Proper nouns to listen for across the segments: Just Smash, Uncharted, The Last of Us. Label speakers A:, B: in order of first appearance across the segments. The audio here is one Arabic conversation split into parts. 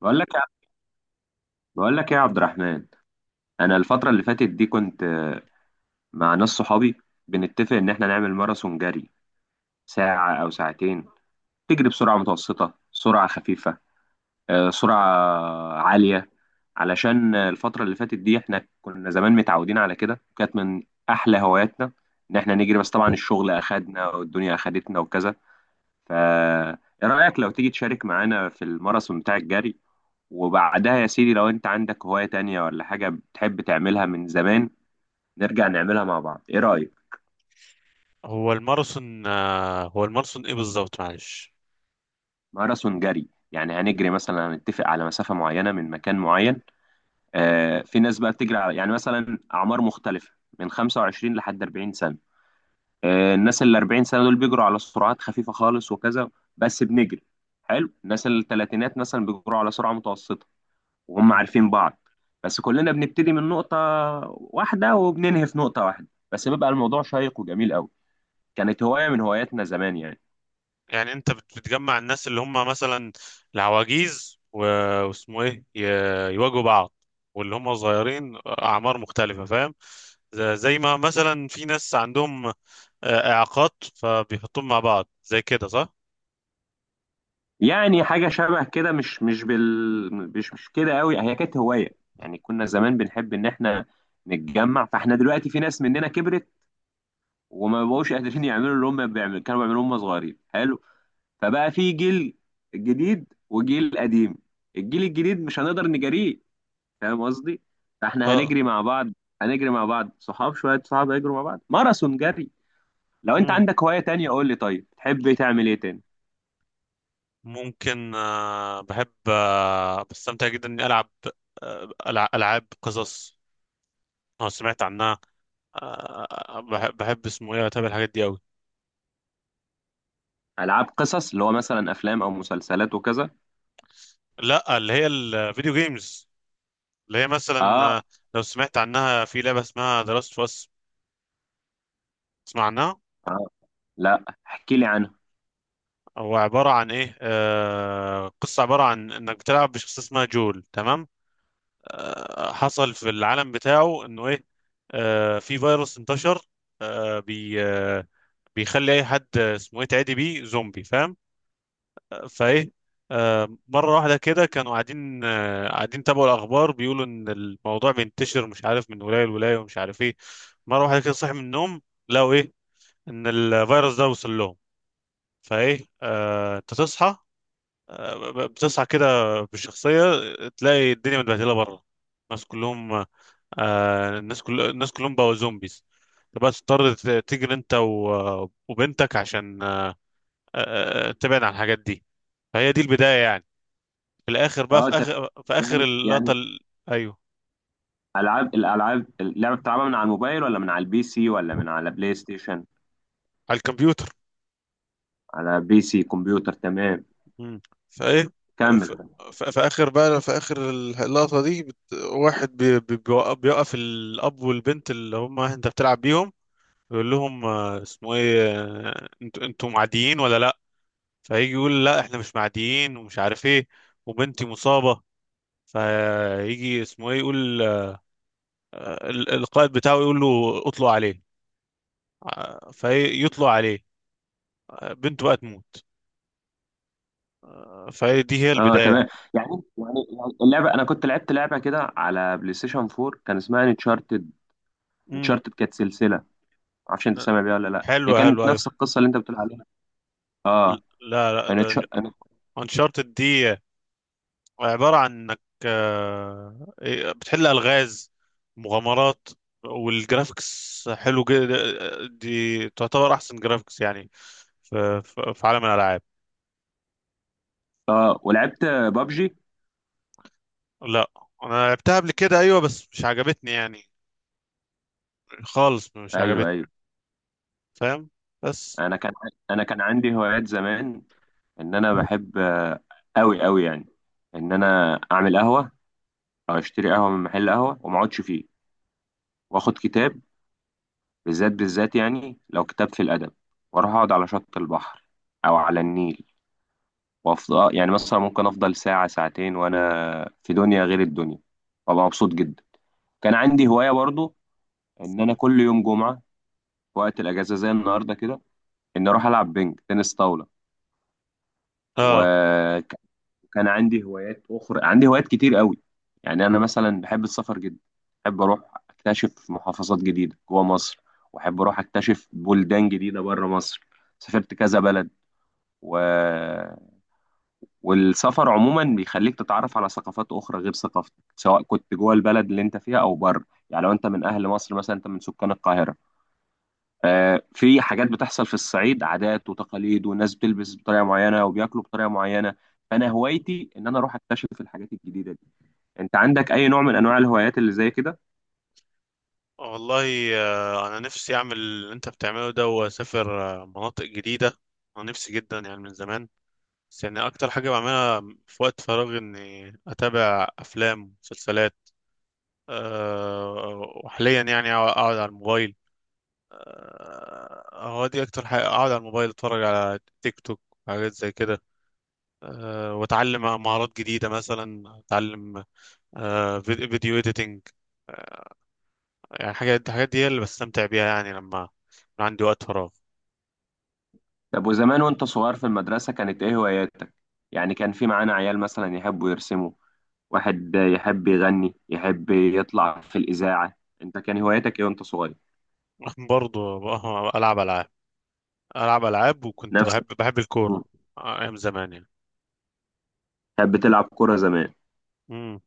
A: بقول لك يا بقول لك ايه يا عبد الرحمن. انا الفتره اللي فاتت دي كنت، مع ناس صحابي، بنتفق ان احنا نعمل ماراثون جري، ساعه او ساعتين، تجري بسرعه متوسطه، سرعه خفيفه، سرعه عاليه، علشان الفتره اللي فاتت دي احنا كنا زمان متعودين على كده، وكانت من احلى هواياتنا ان احنا نجري. بس طبعا الشغل اخدنا والدنيا اخدتنا وكذا. فا ايه رأيك لو تيجي تشارك معانا في الماراثون بتاع الجري؟ وبعدها يا سيدي، لو انت عندك هواية تانية ولا حاجة بتحب تعملها من زمان، نرجع نعملها مع بعض. ايه رأيك؟
B: هو الماراثون ايه بالظبط؟ معلش.
A: ماراثون جري، يعني هنجري، مثلا هنتفق على مسافة معينة من مكان معين. في ناس بقى بتجري على، يعني مثلا أعمار مختلفة، من 25 لحد 40 سنة. الناس ال 40 سنة دول بيجروا على سرعات خفيفة خالص وكذا، بس بنجري. حلو. الناس الثلاثينات مثلا بيجروا على سرعة متوسطة، وهم
B: مم.
A: عارفين بعض. بس كلنا بنبتدي من نقطة واحدة، وبننهي في نقطة واحدة، بس بيبقى الموضوع شيق وجميل قوي. كانت هواية من هواياتنا زمان يعني
B: يعني انت بتجمع الناس اللي هم مثلا العواجيز واسمه ايه يواجهوا بعض، واللي هم صغيرين اعمار مختلفة، فاهم؟ زي ما مثلا في ناس عندهم اعاقات، فبيحطوهم مع بعض زي كده، صح؟
A: يعني حاجة شبه كده. مش مش بال مش مش كده قوي. هي كانت هواية، يعني كنا زمان بنحب ان احنا نتجمع، فاحنا دلوقتي في ناس مننا كبرت، وما بقوش قادرين يعملوا اللي هم كانوا بيعملوه هم صغيرين. حلو. فبقى في جيل جديد وجيل قديم، الجيل الجديد مش هنقدر نجاريه، فاهم قصدي؟ فاحنا
B: اه.
A: هنجري مع بعض، صحاب، شويه صحاب هيجروا مع بعض ماراثون جري. لو انت
B: مم.
A: عندك هوايه تانية قول لي، طيب تحب تعمل ايه تاني؟
B: ممكن. بحب، بستمتع جدا اني العب العاب قصص. اه، سمعت عنها. بحب اسمه ايه اتابع الحاجات دي قوي.
A: العاب قصص، اللي هو مثلا افلام او مسلسلات وكذا؟
B: لا، اللي هي الفيديو جيمز، اللي هي مثلا.
A: اه.
B: لو سمعت عنها، في لعبه اسمها ذا لاست اوف اس، تسمع عنها؟
A: اه، لا، احكي لي عنها.
B: هو عباره عن ايه؟ قصه عباره عن انك بتلعب بشخص اسمها جول، تمام. حصل في العالم بتاعه انه ايه، في فيروس انتشر، آه بي آه بيخلي اي حد، اسمه ايه، تعدي بيه زومبي، فاهم؟ فايه، مرة واحدة كده كانوا قاعدين تابعوا الأخبار، بيقولوا إن الموضوع بينتشر، مش عارف من ولاية لولاية ومش عارف إيه. مرة واحدة كده صحي من النوم، لقوا إيه؟ إن الفيروس ده وصل لهم. فإيه، أنت تصحى، بتصحى كده بالشخصية، تلاقي الدنيا متبهدلة بره، الناس كلهم، آه، الناس كل الناس كلهم بقوا زومبيز. تبقى تضطر تجري أنت وبنتك عشان تبعد عن الحاجات دي. فهي دي البداية يعني. في الاخر بقى
A: اه،
B: في
A: طب.
B: اخر في اخر
A: يعني
B: اللقطه
A: يعني
B: ال- ايوه.
A: العاب الالعاب اللعبه بتلعبها من على الموبايل، ولا من على البي سي، ولا من على بلاي ستيشن؟
B: على الكمبيوتر.
A: على بي سي كمبيوتر، تمام.
B: مم. فايه، في,
A: كمل.
B: في اخر اللقطه دي واحد بيوقف الاب والبنت اللي هم انت بتلعب بيهم، يقول لهم، اسمه ايه، انتوا معديين ولا لا؟ فيجي يقول: لا احنا مش معديين ومش عارف ايه، وبنتي مصابه. فيجي اسمه ايه يقول، القائد بتاعه يقول له: اطلق عليه. فيطلق عليه، بنته بقى تموت. فهي دي هي
A: اه،
B: البداية
A: تمام.
B: يعني.
A: يعني يعني اللعبه، انا كنت لعبت لعبه كده على بلاي ستيشن 4، كان اسمها انشارتد.
B: امم.
A: انشارتد كانت سلسله، معرفش انت سامع بيها ولا لا؟ هي
B: حلوة
A: كانت
B: حلوة، أيوة.
A: نفس القصه اللي انت بتقول عليها.
B: ال-
A: اه.
B: لا، لا، ده
A: انا.
B: أنشارتد دي، عبارة عن إنك إيه، بتحل ألغاز، مغامرات، والجرافيكس حلو جدا، دي تعتبر أحسن جرافيكس يعني في, في عالم الألعاب.
A: اه، ولعبت بابجي.
B: لا، أنا لعبتها قبل كده أيوة، بس مش عجبتني يعني، خالص مش
A: ايوه،
B: عجبتني،
A: ايوه.
B: فاهم؟ بس.
A: انا كان انا كان عندي هوايات زمان، ان انا بحب، قوي قوي يعني، ان انا اعمل قهوه، او اشتري قهوه من محل قهوه وما اقعدش فيه، واخد كتاب، بالذات بالذات يعني لو كتاب في الادب، واروح اقعد على شط البحر، او على النيل، وافضل يعني مثلا ممكن افضل ساعة ساعتين وانا في دنيا غير الدنيا، وابقى مبسوط جدا. كان عندي هواية برضو ان انا كل يوم جمعة، في وقت الاجازة زي النهاردة كده، ان اروح العب بينج تنس طاولة.
B: آه.
A: وكان عندي هوايات اخرى، عندي هوايات كتير قوي، يعني انا مثلا بحب السفر جدا، بحب اروح اكتشف محافظات جديدة جوه مصر، واحب اروح اكتشف بلدان جديدة بره مصر. سافرت كذا بلد. و والسفر عموما بيخليك تتعرف على ثقافات اخرى غير ثقافتك، سواء كنت جوه البلد اللي انت فيها او بره. يعني لو انت من اهل مصر مثلا، انت من سكان القاهره، في حاجات بتحصل في الصعيد، عادات وتقاليد، والناس بتلبس بطريقه معينه وبياكلوا بطريقه معينه. فانا هوايتي ان انا اروح اكتشف الحاجات الجديده دي. انت عندك اي نوع من انواع الهوايات اللي زي كده؟
B: والله، انا نفسي اعمل اللي انت بتعمله ده، واسافر مناطق جديده. انا نفسي جدا يعني من زمان. بس يعني اكتر حاجه بعملها في وقت فراغي اني اتابع افلام ومسلسلات. أه. وحاليا يعني اقعد على الموبايل. أه، هو دي اكتر حاجه، اقعد على الموبايل اتفرج على تيك توك، حاجات زي كده. أه، واتعلم مهارات جديده، مثلا اتعلم فيديو اديتنج. يعني الحاجات دي هي اللي بستمتع بيها يعني، لما يكون عندي وقت فراغ.
A: طب، وزمان وانت صغير في المدرسه كانت ايه هواياتك؟ يعني كان في معانا عيال مثلا يحبوا يرسموا، واحد يحب يغني، يحب يطلع في الاذاعه، انت كان هواياتك ايه وانت صغير؟
B: برضه العب العاب. العب العاب، وكنت
A: نفس.
B: بحب
A: مم.
B: الكوره، ايام زمان يعني.
A: كانت بتلعب كرة زمان.
B: امم.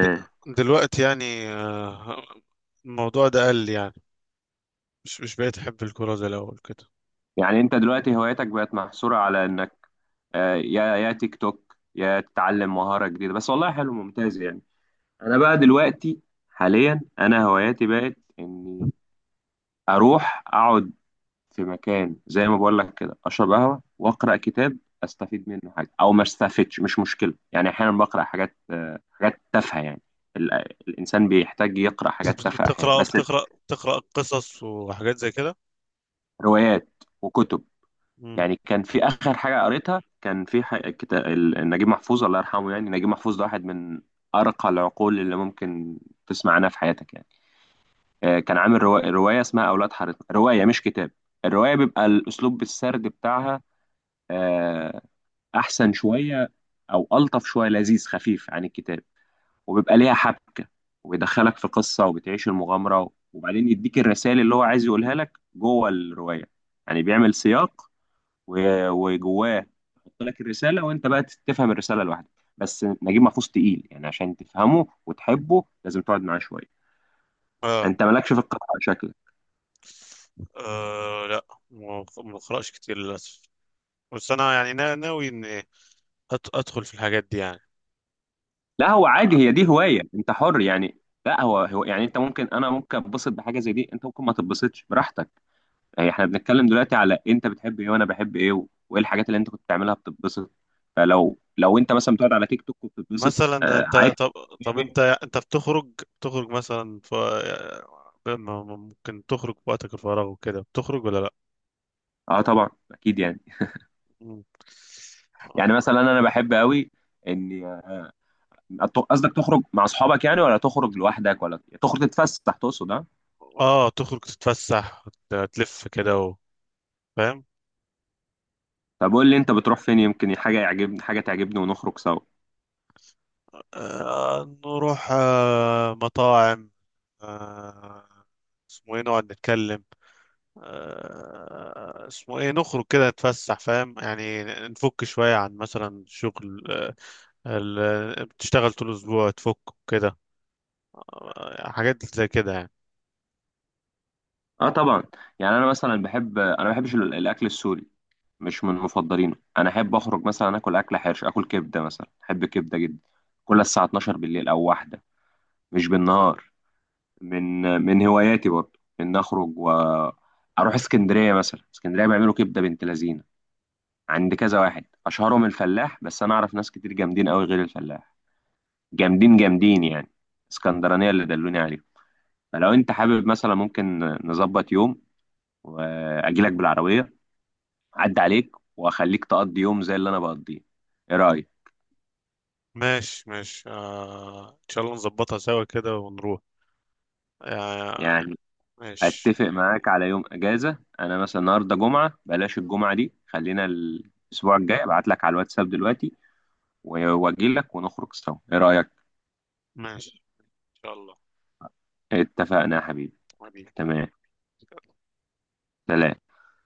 B: د- دلوقتي يعني، الموضوع ده قل يعني، مش بقيت احب الكوره زي الاول كده.
A: يعني انت دلوقتي هوايتك بقت محصورة على انك، يا تيك توك يا تتعلم مهارة جديدة بس؟ والله حلو، ممتاز يعني. انا بقى دلوقتي، حاليا انا هواياتي بقت اني اروح اقعد في مكان زي ما بقول لك كده، اشرب قهوة واقرا كتاب، استفيد منه حاجة او ما استفدش مش مشكلة يعني. احيانا بقرا حاجات، حاجات تافهة يعني. ال- الانسان بيحتاج يقرا حاجات تافهة احيانا بس.
B: بتقرا قصص وحاجات زي كده؟
A: روايات وكتب.
B: امم.
A: يعني كان في اخر حاجه قريتها، كان في كتاب نجيب محفوظ الله يرحمه، يعني نجيب محفوظ ده واحد من ارقى العقول اللي ممكن تسمع عنها في حياتك يعني. كان عامل روايه اسمها اولاد حارتنا، روايه مش كتاب. الروايه بيبقى الاسلوب السرد بتاعها آه، احسن شويه، او الطف شويه، لذيذ خفيف عن الكتاب. وبيبقى ليها حبكه، وبيدخلك في قصه، وبتعيش المغامره، وبعدين يديك الرسائل اللي هو عايز يقولها لك جوه الروايه. يعني بيعمل سياق وجواه يحط لك الرساله، وانت بقى تفهم الرساله لوحدك. بس نجيب محفوظ تقيل يعني، عشان تفهمه وتحبه لازم تقعد معاه شويه.
B: اه.
A: انت مالكش في القراءه شكلك؟
B: لا، ما بقراش كتير للاسف، بس انا يعني ناوي اني ادخل في الحاجات دي.
A: لا، هو عادي،
B: يعني
A: هي دي هوايه، انت حر يعني. لا، هو يعني، انت ممكن، انا ممكن اتبسط بحاجه زي دي، انت ممكن ما تتبسطش براحتك. يعني احنا بنتكلم دلوقتي على انت بتحب ايه وانا بحب ايه وايه الحاجات اللي انت كنت بتعملها بتتبسط. فلو انت مثلا بتقعد على تيك توك وبتتبسط،
B: مثلا
A: آه
B: انت،
A: عادي.
B: طب. طب، انت بتخرج، بتخرج مثلا، ممكن تخرج في وقتك الفراغ وكده، بتخرج ولا لا؟
A: اه، طبعا، اكيد يعني.
B: مم.
A: يعني مثلا انا بحب قوي اني، قصدك تخرج مع اصحابك يعني، ولا تخرج لوحدك، ولا تخرج تتفسح تقصد، ها؟
B: اه، تخرج تتفسح تلف كده فاهم؟
A: طب قول لي انت بتروح فين، يمكن حاجه يعجبني، حاجه تعجبني ونخرج سوا.
B: نروح مطاعم، آه اسمه ايه، نقعد نتكلم، اسمه ايه، نخرج كده نتفسح، فاهم يعني، نفك شوية عن مثلا شغل، بتشتغل طول الأسبوع تفك كده، حاجات زي كده يعني.
A: اه، طبعا. يعني انا مثلا بحب، انا ما بحبش الاكل السوري، مش من مفضلينه، انا احب اخرج مثلا اكل اكل حرش، اكل كبده مثلا، احب كبده جدا، كل الساعه 12 بالليل او واحده، مش بالنهار. من هواياتي برضه ان اخرج واروح اسكندريه، مثلا اسكندريه بيعملوا كبده بنت لذينه، عند كذا واحد، اشهرهم الفلاح، بس انا اعرف ناس كتير جامدين قوي غير الفلاح، جامدين جامدين يعني، اسكندرانية اللي دلوني عليهم. فلو انت حابب مثلا، ممكن نظبط يوم واجيلك بالعربية، اعدي عليك، واخليك تقضي يوم زي اللي انا بقضيه. ايه رأيك؟
B: ماشي، ماشي، ان شاء الله نظبطها سوا كده ونروح. آه.
A: يعني
B: ماشي.
A: اتفق معاك على يوم اجازة، انا مثلا النهاردة جمعة، بلاش الجمعة دي، خلينا الاسبوع الجاي، ابعت لك على الواتساب دلوقتي واجيلك ونخرج سوا. ايه رأيك؟
B: ماشي ان شاء الله.
A: اتفقنا يا حبيبي.
B: حبيبي.
A: تمام. سلام.